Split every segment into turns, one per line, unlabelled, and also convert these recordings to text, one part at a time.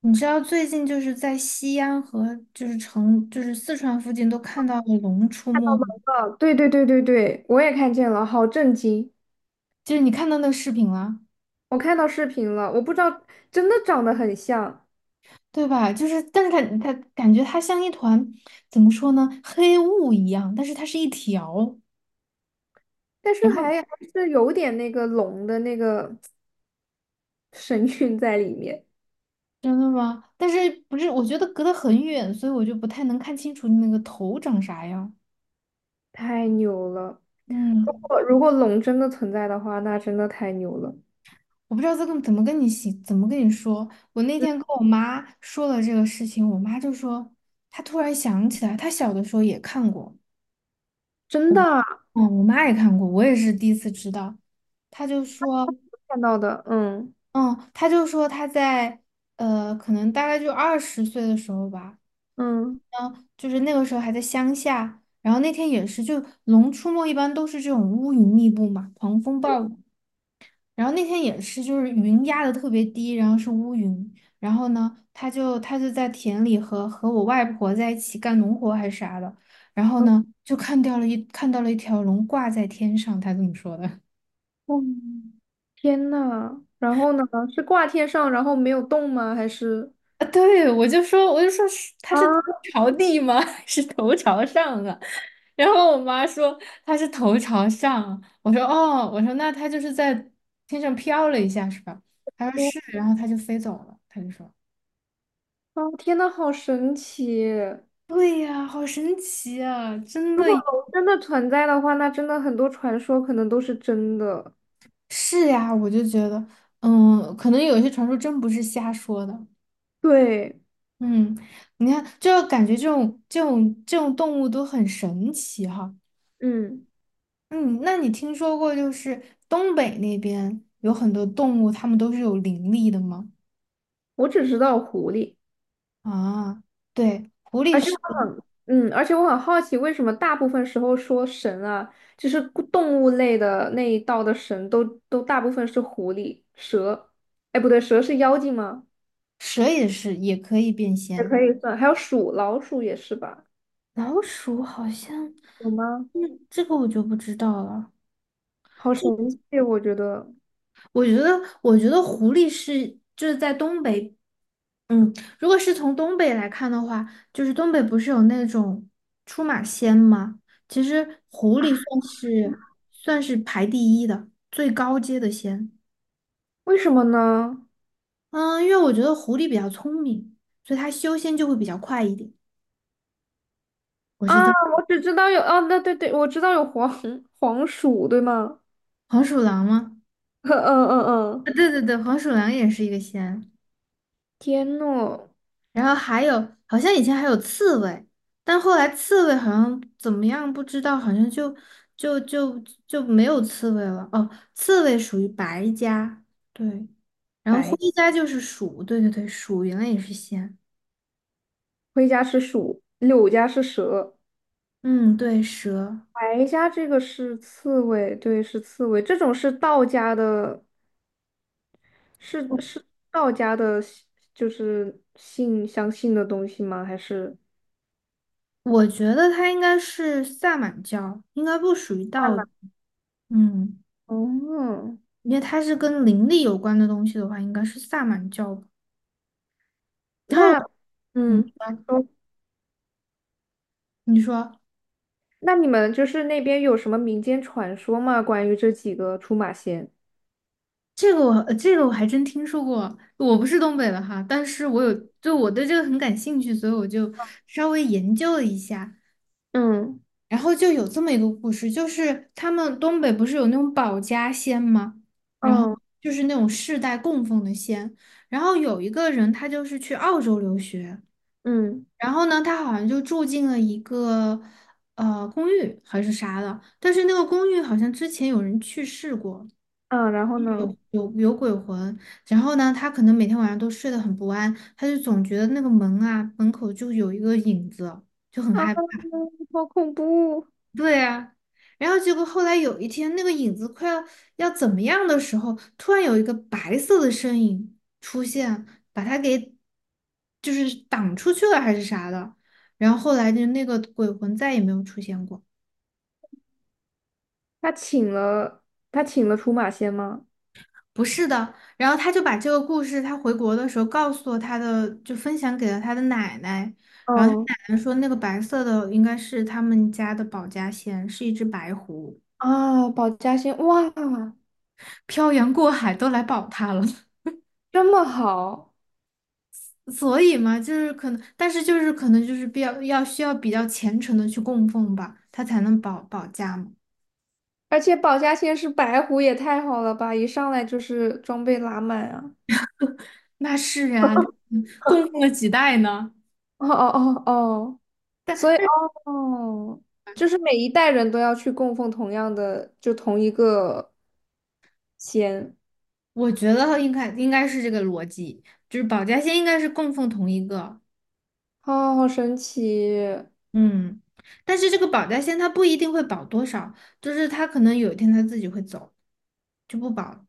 你知道最近就是在西安和就是成就是四川附近都看到了龙出没吗？
啊，对对对对对，我也看见了，好震惊！
就是你看到那个视频了，
我看到视频了，我不知道，真的长得很像，
对吧？就是但是它感觉它像一团，怎么说呢，黑雾一样，但是它是一条。
但是
然后，
还是有点那个龙的那个 神韵在里面，
真的吗？但是不是？我觉得隔得很远，所以我就不太能看清楚那个头长啥样。
太牛了！如
嗯。
果如果龙真的存在的话，那真的太牛了。
我不知道这个怎么跟你说。我那
嗯，
天跟我妈说了这个事情，我妈就说她突然想起来，她小的时候也看过。
真的啊，
嗯，我妈也看过，我也是第一次知道。她就说，
看到的，嗯
嗯，她就说她在，可能大概就二十岁的时候吧。
嗯
嗯，就是那个时候还在乡下，然后那天也是，就《龙出没》一般都是这种乌云密布嘛，狂风暴雨。然后那天也是，就是云压的特别低，然后是乌云。然后呢，她就在田里和我外婆在一起干农活还是啥的。然后
嗯，
呢，就看到了一看到了一条龙挂在天上，她这么说的。
哦，天呐，然后呢？是挂天上，然后没有动吗？还是
啊，对，我就说，是他是
啊？
朝地吗？是头朝上啊？然后我妈说他是头朝上，我说哦，我说那他就是在天上飘了一下是吧？她说
我
是，然后他就飞走了。他就说，
哦，天呐，好神奇！
对呀，好神奇啊，真
如
的。
果龙真的存在的话，那真的很多传说可能都是真的。
是呀，我就觉得，嗯，可能有些传说真不是瞎说的。
对，
嗯。你看，就感觉这种动物都很神奇哈。
嗯，
嗯。那你听说过就是东北那边有很多动物，它们都是有灵力的吗？
我只知道狐狸，
啊，对，狐狸
而且我
是，
很，嗯，而且我很好奇，为什么大部分时候说神啊，就是故动物类的那一道的神都，都大部分是狐狸、蛇，哎，不对，蛇是妖精吗？
蛇也是，也可以变
也
仙。
可以算，还有鼠、老鼠也是吧？
老鼠好像，
有吗？
嗯，这个我就不知道了。
好神奇，我觉得，
我觉得，我觉得狐狸是就是在东北，嗯，如果是从东北来看的话，就是东北不是有那种出马仙吗？其实狐狸算是排第一的，最高阶的仙。
为什么呢？
嗯，因为我觉得狐狸比较聪明，所以它修仙就会比较快一点。我是
啊，
这么，
我只知道有，啊，那对对，我知道有黄鼠，对吗？
黄鼠狼吗？
嗯嗯
啊，
嗯，
对对对，黄鼠狼也是一个仙。
天诺
然后还有，好像以前还有刺猬，但后来刺猬好像怎么样不知道，好像就就就没有刺猬了。哦，刺猬属于白家，对。然后
白
灰家就是鼠，对对对，鼠原来也是仙。
灰家是鼠，柳家是蛇。
嗯，对，蛇，
白家这个是刺猬，对，是刺猬。这种是道家的，
我
是道家的信，就是信相信的东西吗？还是？
我觉得它应该是萨满教，应该不属于
慢
道教。
慢
嗯。
哦，
因为它是跟灵力有关的东西的话，应该是萨满教吧。然后，
那
嗯，
嗯，哦，
你说，
那你们就是那边有什么民间传说吗？关于这几个出马仙？
这个我这个我还真听说过，我不是东北的哈，但是我有，就我对这个很感兴趣，所以我就稍微研究了一下。
嗯
然后就有这么一个故事，就是他们东北不是有那种保家仙吗？然后
嗯
就是那种世代供奉的仙。然后有一个人，他就是去澳洲留学。
嗯，
然后呢，他好像就住进了一个，公寓还是啥的，但是那个公寓好像之前有人去世过，
嗯，然后呢？
有鬼魂。然后呢，他可能每天晚上都睡得很不安，他就总觉得那个门啊门口就有一个影子，就很
啊，
害怕。
好恐怖！
对啊。然后结果后来有一天，那个影子要怎么样的时候，突然有一个白色的身影出现，把他给就是挡出去了还是啥的。然后后来就那个鬼魂再也没有出现过。
他请了他请了出马仙吗？
不是的，然后他就把这个故事，他回国的时候告诉了他的，就分享给了他的奶奶。然后他
嗯，
奶奶说，那个白色的应该是他们家的保家仙，是一只白狐，
啊，保家仙，哇，
漂洋过海都来保他了。
这么好！
所以嘛，就是可能，但是就是可能就是比较要需要比较虔诚的去供奉吧，他才能保家嘛。
而且保家仙是白狐，也太好了吧！一上来就是装备拉满啊！
那是啊，嗯，供奉了几代呢？
哦哦哦哦，所以哦，就是每一代人都要去供奉同样的，就同一个仙，
我觉得应该是这个逻辑，就是保家仙应该是供奉同一个，
哦，好神奇！
嗯，但是这个保家仙他不一定会保多少，就是他可能有一天他自己会走，就不保了。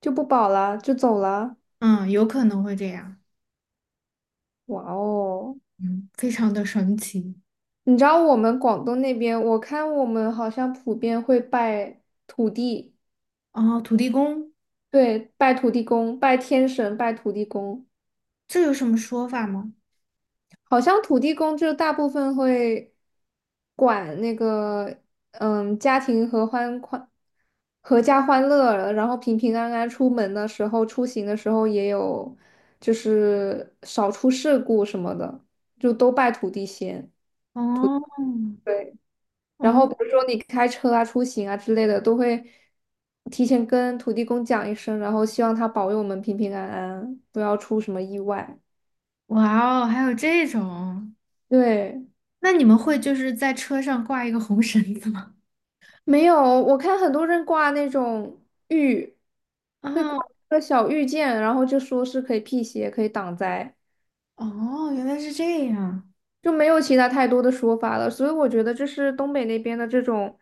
就不保了，就走了。
嗯，有可能会这样。
哇哦！
嗯，非常的神奇。
你知道我们广东那边，我看我们好像普遍会拜土地，
哦，土地公，
对，拜土地公，拜天神，拜土地公。
这有什么说法吗？
好像土地公就大部分会管那个，嗯，家庭合欢欢，阖家欢乐，然后平平安安出门的时候，出行的时候也有，就是少出事故什么的，就都拜土地仙。
哦。
对。然后
哦，
比如说你开车啊、出行啊之类的，都会提前跟土地公讲一声，然后希望他保佑我们平平安安，不要出什么意外。
哇哦，还有这种，
对，
那你们会就是在车上挂一个红绳子吗？
没有，我看很多人挂那种玉，会挂
啊，
一个小玉剑，然后就说是可以辟邪、可以挡灾，
哦，原来是这样。
就没有其他太多的说法了。所以我觉得这是东北那边的这种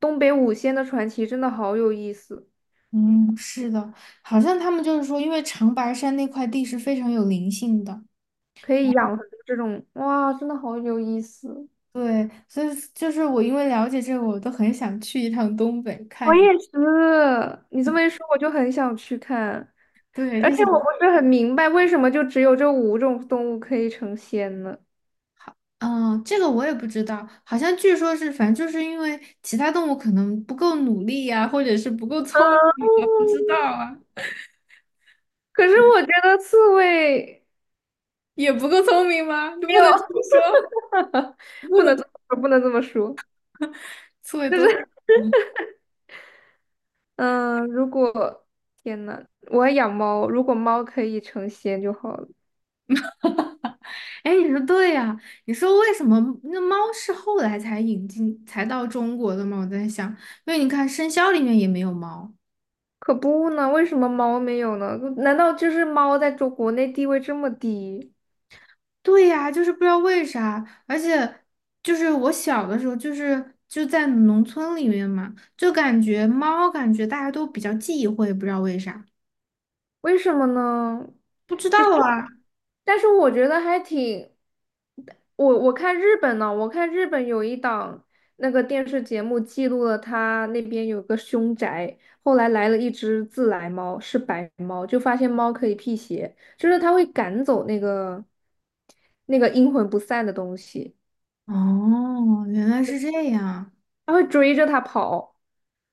东北五仙的传奇，真的好有意思，
嗯，是的，好像他们就是说，因为长白山那块地是非常有灵性的，
可以养成这种，哇，真的好有意思。
对，所以就是我因为了解这个，我都很想去一趟东北
我
看一。
也是，你这么一说，我就很想去看，
对，
而
就
且
想
我不是很明白为什么就只有这五种动物可以成仙呢？
嗯，这个我也不知道，好像据说是，反正就是因为其他动物可能不够努力呀、或者是不够聪，不知道啊。
可是我觉得刺猬
也不够聪明吗？就
没
不
有，
能这么 说。
不能这么说,不能这么说。
刺猬多，
嗯，如果天呐，我要养猫，如果猫可以成仙就好了。
哎，你说对呀、你说为什么那猫是后来才引进才到中国的吗？我在想，因为你看生肖里面也没有猫。
可不呢，为什么猫没有呢？难道就是猫在中国内地位这么低？
对呀、就是不知道为啥，而且就是我小的时候，就是就在农村里面嘛，就感觉猫，感觉大家都比较忌讳，不知道为啥。
为什么呢？
不知道
其实我，
啊。
但是我觉得还挺，我看日本呢，我看日本有一档那个电视节目记录了他那边有个凶宅，后来来了一只自来猫，是白猫，就发现猫可以辟邪，就是它会赶走那个阴魂不散的东西，
哦，原来是这样。
它会追着它跑。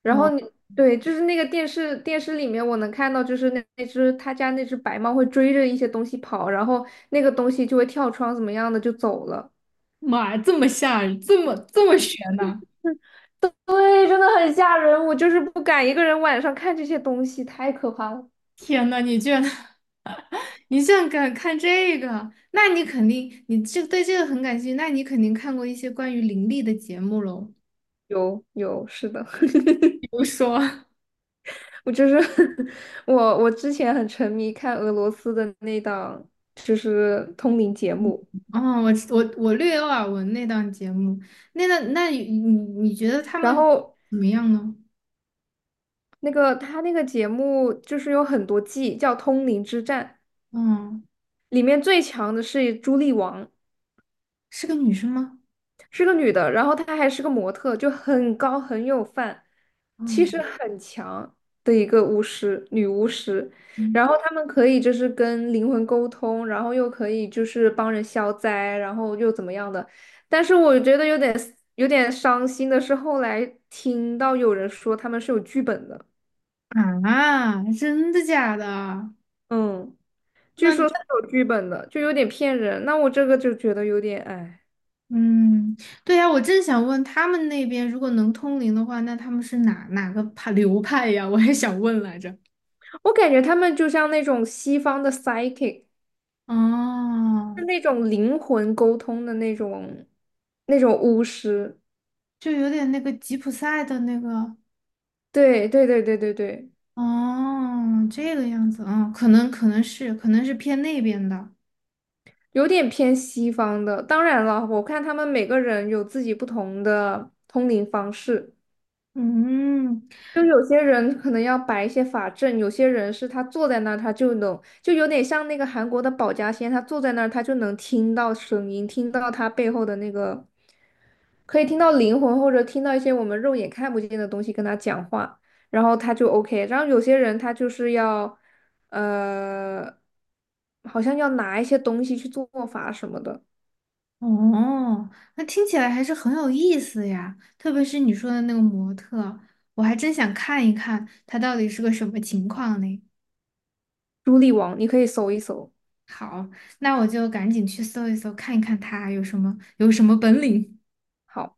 然后
哇，
你对，就是那个电视里面，我能看到，就是那只他家那只白猫会追着一些东西跑，然后那个东西就会跳窗怎么样的就走了。
妈呀，这么吓人，这么悬呐！
对，真的很吓人，我就是不敢一个人晚上看这些东西，太可怕了。
天呐，你居然 你竟然敢看这个？那你肯定，你这对这个很感兴趣，那你肯定看过一些关于灵力的节目喽。
有有，是的，
比如说，
我就是 我之前很沉迷看俄罗斯的那档就是通灵节目，
哦，我我略有耳闻那档节目。那档，那你你觉得他
然
们
后
怎么样呢？
那个他那个节目就是有很多季，叫《通灵之战》。
嗯，
里面最强的是朱莉王，
是个女生吗？
是个女的，然后她还是个模特，就很高很有范，气势
嗯
很强的一个巫师，女巫师。
嗯。
然后她们可以就是跟灵魂沟通，然后又可以就是帮人消灾，然后又怎么样的。但是我觉得有点有点伤心的是，后来听到有人说他们是有剧本的，
啊，真的假的？
嗯，据
那，
说是有剧本的，就有点骗人。那我这个就觉得有点哎。
嗯，对呀，我正想问他们那边如果能通灵的话，那他们是哪个派流派呀？我也想问来着。
我感觉他们就像那种西方的 psychic，
哦，
是那种灵魂沟通的那种巫师。
就有点那个吉普赛的那个，
对对对对对对，
哦，这个样子。嗯，可能是可能是偏那边的。
有点偏西方的。当然了，我看他们每个人有自己不同的通灵方式。
嗯，
就有些人可能要摆一些法阵，有些人是他坐在那儿，他就能，就有点像那个韩国的保家仙，他坐在那儿，他就能听到声音，听到他背后的那个，可以听到灵魂或者听到一些我们肉眼看不见的东西跟他讲话，然后他就 OK。然后有些人他就是要，呃，好像要拿一些东西去做法什么的。
哦，那听起来还是很有意思呀，特别是你说的那个模特，我还真想看一看他到底是个什么情况呢。
朱莉王，你可以搜一搜。
好，那我就赶紧去搜一搜，看一看他有什么本领。
好。